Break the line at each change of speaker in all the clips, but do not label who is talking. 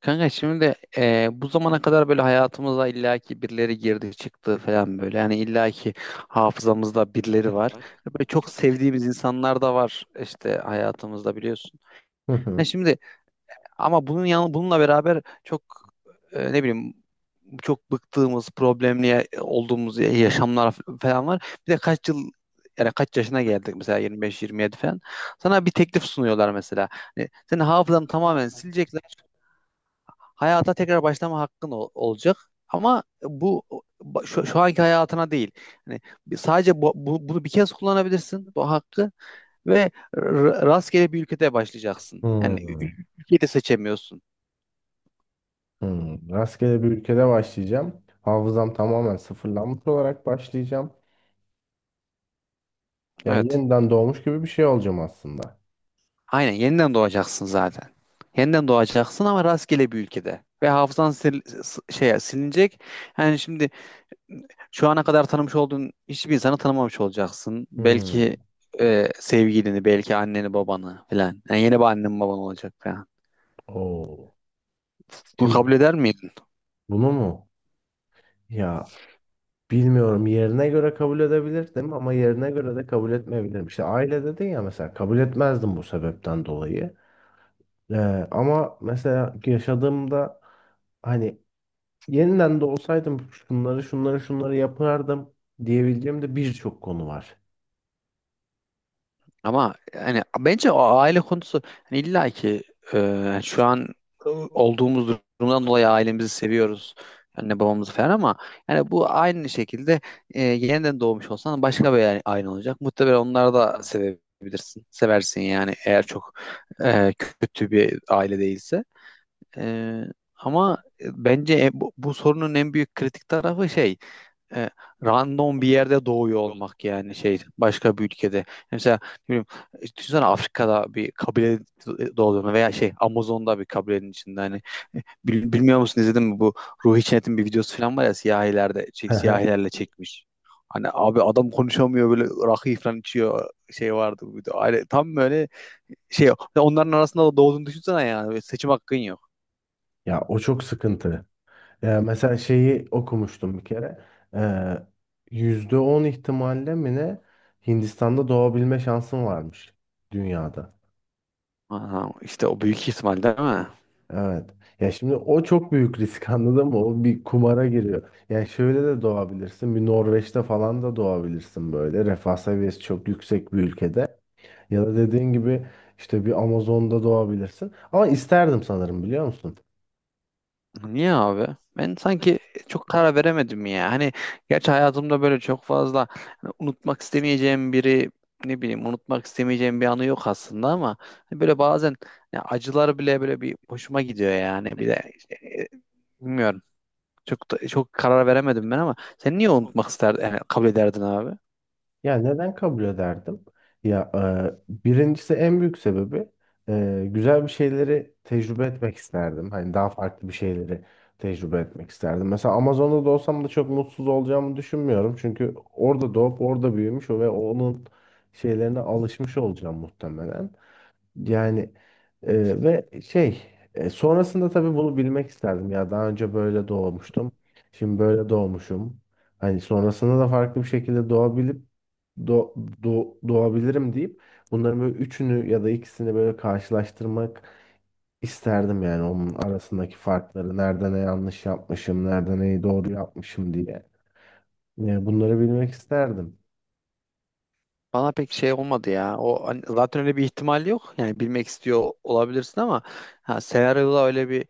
Kanka şimdi bu zamana kadar böyle hayatımıza illaki birileri girdi çıktı falan böyle. Yani illaki hafızamızda birileri var. Ve böyle çok sevdiğimiz insanlar da var işte hayatımızda biliyorsun. Ha şimdi ama bununla beraber çok ne bileyim çok bıktığımız, olduğumuz yaşamlar falan var. Bir de kaç yıl yani kaç yaşına geldik mesela 25-27 falan. Sana bir teklif sunuyorlar mesela. Hani senin hafızanı tamamen silecekler, hayata tekrar başlama olacak. Ama şu anki hayatına değil. Hani sadece bunu bir kez kullanabilirsin bu hakkı, ve rastgele bir ülkede başlayacaksın.
Hmm,
Ülkeyi de seçemiyorsun.
hmm. Rastgele bir ülkede başlayacağım. Hafızam tamamen sıfırlanmış olarak başlayacağım. Yani
Evet.
yeniden doğmuş gibi bir şey olacağım aslında.
Aynen yeniden doğacaksın zaten. Yeniden doğacaksın ama rastgele bir ülkede. Ve şeye silinecek. Yani şimdi şu ana kadar tanımış olduğun hiçbir insanı tanımamış olacaksın. Belki
Hmm.
sevgilini, belki anneni, babanı falan. Yani yeni bir annen baban olacak falan.
Oo.
Bunu
Şimdi
kabul eder miydin?
bunu mu? Ya bilmiyorum. Yerine göre kabul edebilirdim ama yerine göre de kabul etmeyebilirim. İşte aile dedin ya, mesela kabul etmezdim bu sebepten dolayı. Ee, ama mesela yaşadığımda hani yeniden de olsaydım şunları şunları şunları yapardım diyebileceğim de birçok konu var.
Ama yani bence o aile konusu hani illa ki yani şu an olduğumuz durumdan dolayı ailemizi seviyoruz. Anne babamızı falan, ama yani bu aynı şekilde yeniden doğmuş olsan başka bir aile olacak. Muhtemelen onları da sevebilirsin. Seversin yani, eğer çok e, kötü bir aile değilse. Ee, ama bence bu sorunun en büyük kritik tarafı e, random bir yerde doğuyor olmak, yani şey başka bir ülkede. Mesela ne bileyim, düşünsene Afrika'da bir kabile doğduğunu veya şey Amazon'da bir kabilenin içinde. Hani e, bilmiyor musun, izledin mi, bu Ruhi Çenet'in bir videosu falan var ya, siyahilerde
Hı hı.
siyahilerle çekmiş. Hani abi adam konuşamıyor, böyle rakı falan içiyor, şey vardı bu video. Tam böyle şey onların arasında da doğduğunu düşünsene, yani seçim hakkın yok.
Ya o çok sıkıntı. Ya mesela şeyi okumuştum bir kere. Ee, %10 ihtimalle mi ne, Hindistan'da doğabilme şansın varmış dünyada.
Aha, işte o büyük ihtimal değil mi?
Evet. Ya şimdi o çok büyük risk anladın mı? O bir kumara giriyor. Yani şöyle de doğabilirsin. Bir Norveç'te falan da doğabilirsin böyle. Refah seviyesi çok yüksek bir ülkede. Ya da dediğin gibi işte bir Amazon'da doğabilirsin. Ama isterdim sanırım, biliyor musun?
Niye abi? Ben sanki çok karar veremedim ya. Hani gerçi hayatımda böyle çok fazla hani unutmak istemeyeceğim biri, ne bileyim, unutmak istemeyeceğim bir anı yok aslında, ama hani böyle bazen ya acılar bile böyle bir hoşuma gidiyor yani. Bir de e, bilmiyorum. Çok karar veremedim ben, ama sen niye unutmak isterdin, yani kabul ederdin abi?
Ya neden kabul ederdim? Ya birincisi en büyük sebebi, güzel bir şeyleri tecrübe etmek isterdim. Hani daha farklı bir şeyleri tecrübe etmek isterdim. Mesela Amazon'da da olsam da çok mutsuz olacağımı düşünmüyorum. Çünkü orada doğup orada büyümüş ve onun şeylerine alışmış olacağım muhtemelen. Yani ve şey, sonrasında tabii bunu bilmek isterdim ya, daha önce böyle doğmuştum. Şimdi böyle doğmuşum. Hani sonrasında da farklı bir şekilde doğabilip do, doğabilirim deyip bunların böyle üçünü ya da ikisini böyle karşılaştırmak isterdim yani, onun arasındaki farkları nerede ne yanlış yapmışım, nerede neyi doğru yapmışım diye. Yani bunları bilmek isterdim.
Bana pek şey olmadı ya. O hani zaten öyle bir ihtimal yok. Yani bilmek istiyor olabilirsin ama ha, senaryoda öyle bir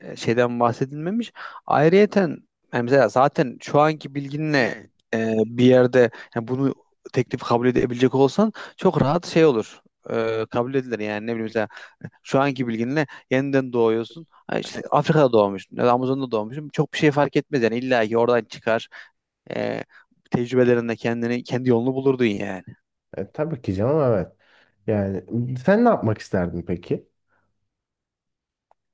şeyden bahsedilmemiş. Ayrıyeten yani mesela zaten şu anki bilginle bir yerde yani bunu teklif kabul edebilecek olsan çok rahat şey olur. E, kabul edilir yani ne bileyim, mesela şu anki bilginle yeniden doğuyorsun. Ha işte Afrika'da doğmuşsun ya da Amazon'da doğmuşsun. Çok bir şey fark etmez yani, illa ki oradan çıkar. E, tecrübelerinde kendini, kendi yolunu bulurdun yani.
Tabii ki canım, evet. Yani sen ne yapmak isterdin peki?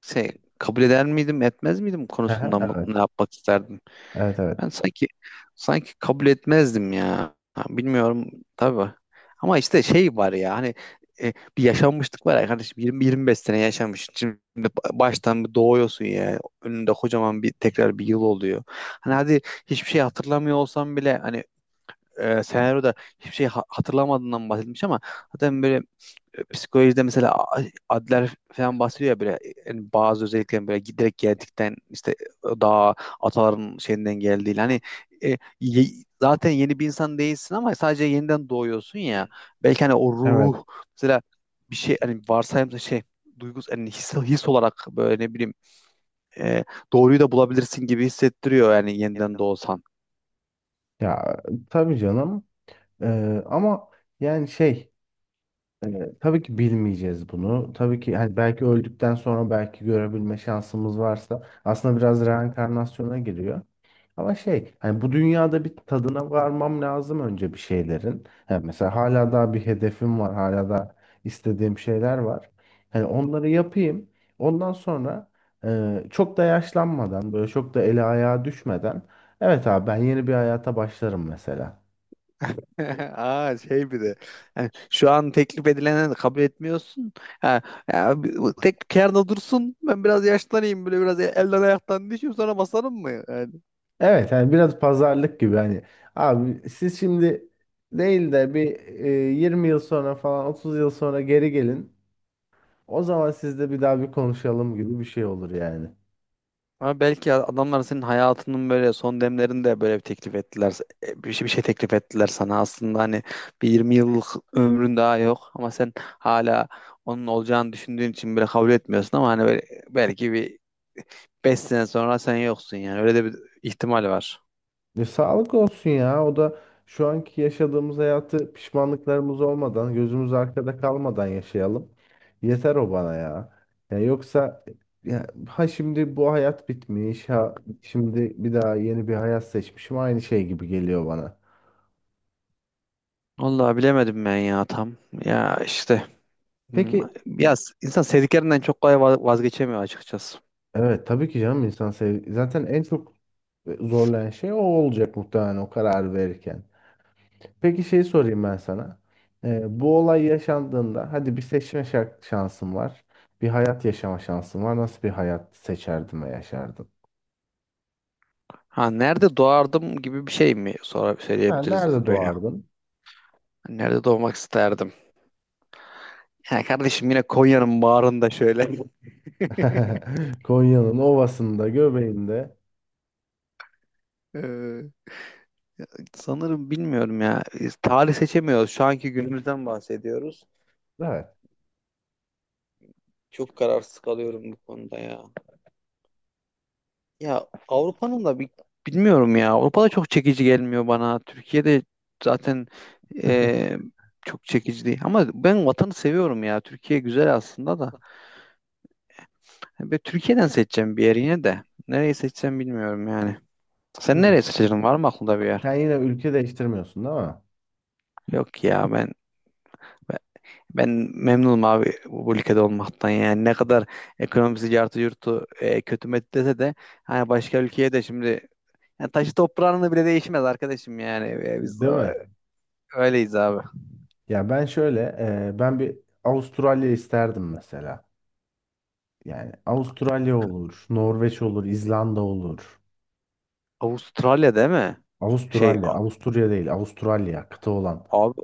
Şey, kabul eder miydim etmez miydim
Aha,
konusunda ne
evet.
yapmak isterdin?
Evet, evet.
Ben sanki sanki kabul etmezdim ya. Ha, bilmiyorum tabii. Ama işte şey var ya hani e, bir yaşanmışlık var ya kardeşim, 20-25 sene yaşamış. Şimdi baştan bir doğuyorsun ya. Önünde kocaman bir tekrar bir yıl oluyor. Hani hadi hiçbir şey hatırlamıyor olsam bile, hani senaryoda hiçbir şey hatırlamadığından bahsetmiş, ama zaten böyle psikolojide mesela Adler falan bahsediyor ya böyle, yani bazı özelliklerin böyle giderek geldikten işte daha ataların şeyinden geldiği, hani e, ye- zaten yeni bir insan değilsin ama sadece yeniden doğuyorsun ya, belki hani o
Evet
ruh mesela, bir şey hani varsayımda şey duygus hani his olarak böyle ne bileyim e, doğruyu da bulabilirsin gibi hissettiriyor yani yeniden doğsan.
ya, tabii canım. Ama yani şey, tabii ki bilmeyeceğiz bunu. Tabii ki hani belki öldükten sonra, belki görebilme şansımız varsa aslında biraz reenkarnasyona giriyor. Ama şey, hani bu dünyada bir tadına varmam lazım önce bir şeylerin. Yani mesela hala daha bir hedefim var. Hala da istediğim şeyler var. Hani onları yapayım. Ondan sonra çok da yaşlanmadan, böyle çok da eli ayağa düşmeden, evet abi, ben yeni bir hayata başlarım mesela.
Aa şey bir de yani şu an teklif edilene de kabul etmiyorsun. Ha, ya bu tek kenarda dursun, ben biraz yaşlanayım, böyle biraz elden ayaktan düşeyim sonra basarım mı? Yani.
Evet, hani biraz pazarlık gibi, hani abi siz şimdi değil de bir, 20 yıl sonra falan, 30 yıl sonra geri gelin. O zaman sizle bir daha bir konuşalım gibi bir şey olur yani.
Ama belki adamlar senin hayatının böyle son demlerinde böyle bir teklif ettiler. E, bir şey teklif ettiler sana aslında, hani bir 20 yıllık ömrün daha yok ama sen hala onun olacağını düşündüğün için böyle kabul etmiyorsun, ama hani böyle belki bir 5 sene sonra sen yoksun, yani öyle de bir ihtimal var.
Sağlık olsun ya. O da şu anki yaşadığımız hayatı pişmanlıklarımız olmadan, gözümüz arkada kalmadan yaşayalım. Yeter o bana ya. Ya yoksa, ya, ha şimdi bu hayat bitmiş, ha şimdi bir daha yeni bir hayat seçmişim. Aynı şey gibi geliyor bana.
Vallahi bilemedim ben ya tam. Ya işte hmm,
Peki,
ya insan sevdiklerinden çok kolay vazgeçemiyor açıkçası.
evet tabii ki canım, insan sev, zaten en çok zorlayan şey o olacak muhtemelen, o karar verirken. Peki şeyi sorayım ben sana. Bu olay yaşandığında, hadi bir seçme şansın var. Bir hayat yaşama şansın var. Nasıl bir hayat seçerdin ve yaşardın?
Ha nerede doğardım gibi bir şey mi, sonra
Ha,
söyleyebiliriz
nerede
böyle.
doğardın?
Nerede doğmak isterdim? Ya kardeşim yine Konya'nın bağrında şöyle.
Konya'nın ovasında, göbeğinde.
Ee, sanırım bilmiyorum ya. Biz tarih seçemiyoruz. Şu anki günümüzden bahsediyoruz.
Evet.
Çok kararsız kalıyorum bu konuda ya. Ya Avrupa'nın da bilmiyorum ya. Avrupa'da çok çekici gelmiyor bana. Türkiye'de zaten e, çok çekici değil. Ama ben vatanı seviyorum ya. Türkiye güzel aslında da. Ve Türkiye'den seçeceğim bir yer yine de. Nereyi seçeceğim bilmiyorum yani. Sen
Hı.
nereyi seçeceksin? Var mı aklında bir yer?
Sen yine ülke değiştirmiyorsun değil mi?
Yok ya ben ben, ben memnunum abi bu ülkede olmaktan yani. Ne kadar ekonomisi artı yurtu kötü met dese de, hani başka ülkeye de şimdi yani taşı toprağının da bile değişmez arkadaşım yani. E, biz
Değil mi?
öyleyiz abi.
Ya ben şöyle, ben bir Avustralya isterdim mesela. Yani Avustralya olur, Norveç olur, İzlanda olur.
Avustralya değil mi? Şey a-
Avustralya, Avusturya değil, Avustralya, kıta olan.
abi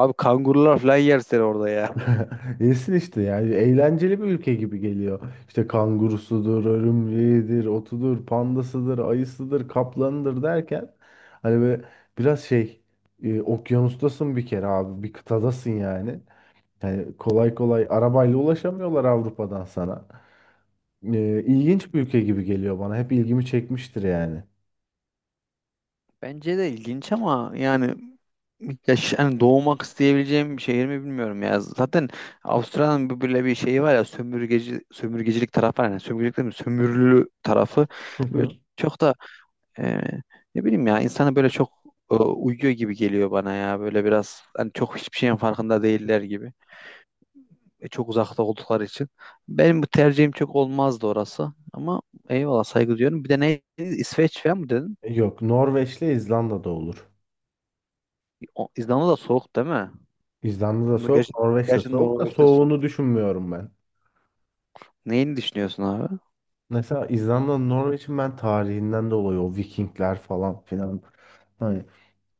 abi kangurular falan yer seni orada ya.
Yesin işte, yani eğlenceli bir ülke gibi geliyor. İşte kangurusudur, örümceğidir, otudur, pandasıdır, ayısıdır, kaplanıdır derken, hani böyle biraz şey, okyanustasın bir kere abi, bir kıtadasın yani. Yani kolay kolay arabayla ulaşamıyorlar Avrupa'dan sana. İlginç bir ülke gibi geliyor bana. Hep ilgimi çekmiştir yani.
Bence de ilginç ama yani yaş hani doğmak isteyebileceğim bir şehir mi bilmiyorum ya. Zaten Avustralya'nın böyle bir şeyi var ya, sömürgeci, sömürgecilik tarafı var, yani sömürgecilik değil mi? Sömürülü tarafı.
Hı
Böyle
hı.
çok da e, ne bileyim ya, insana böyle çok uyuyor gibi geliyor bana ya. Böyle biraz hani çok hiçbir şeyin farkında değiller gibi. E, çok uzakta oldukları için. Benim bu tercihim çok olmazdı orası. Ama eyvallah, saygı duyuyorum. Bir de ne, İsveç falan mı dedin?
Yok, Norveç'le İzlanda'da olur.
İzlanda da soğuk değil mi?
İzlanda'da
Ama
soğuk,
Ger
Norveç'te
gerçekten
soğuk da
Norveç'te soğuk.
soğuğunu düşünmüyorum ben.
Neyini düşünüyorsun abi?
Mesela İzlanda'nın, Norveç'in, ben tarihinden dolayı o Vikingler falan filan, hani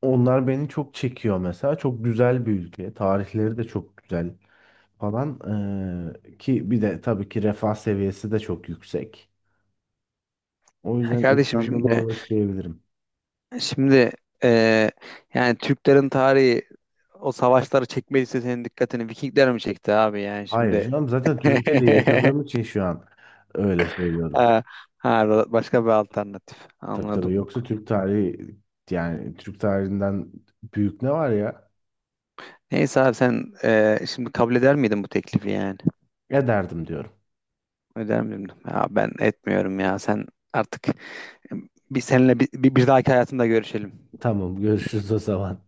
onlar beni çok çekiyor mesela. Çok güzel bir ülke. Tarihleri de çok güzel falan. Ki bir de tabii ki refah seviyesi de çok yüksek. O
Ya
yüzden
kardeşim
İzlanda,
şimdi
Norveç diyebilirim.
şimdi e, yani Türklerin tarihi, o savaşları çekmediyse senin dikkatini Vikingler mi çekti abi yani
Hayır
şimdi?
canım, zaten Türkiye'de yaşadığım için şu an öyle söylüyorum.
Ha, ha, başka bir alternatif.
Tabii tabii,
Anladım.
yoksa Türk tarihi, yani Türk tarihinden büyük ne var ya?
Neyse abi, sen şimdi kabul eder miydin bu teklifi yani?
Ya derdim, diyorum.
Öder miyim? Ya ben etmiyorum ya. Sen artık bir seninle bir dahaki hayatında görüşelim.
Tamam, görüşürüz o zaman.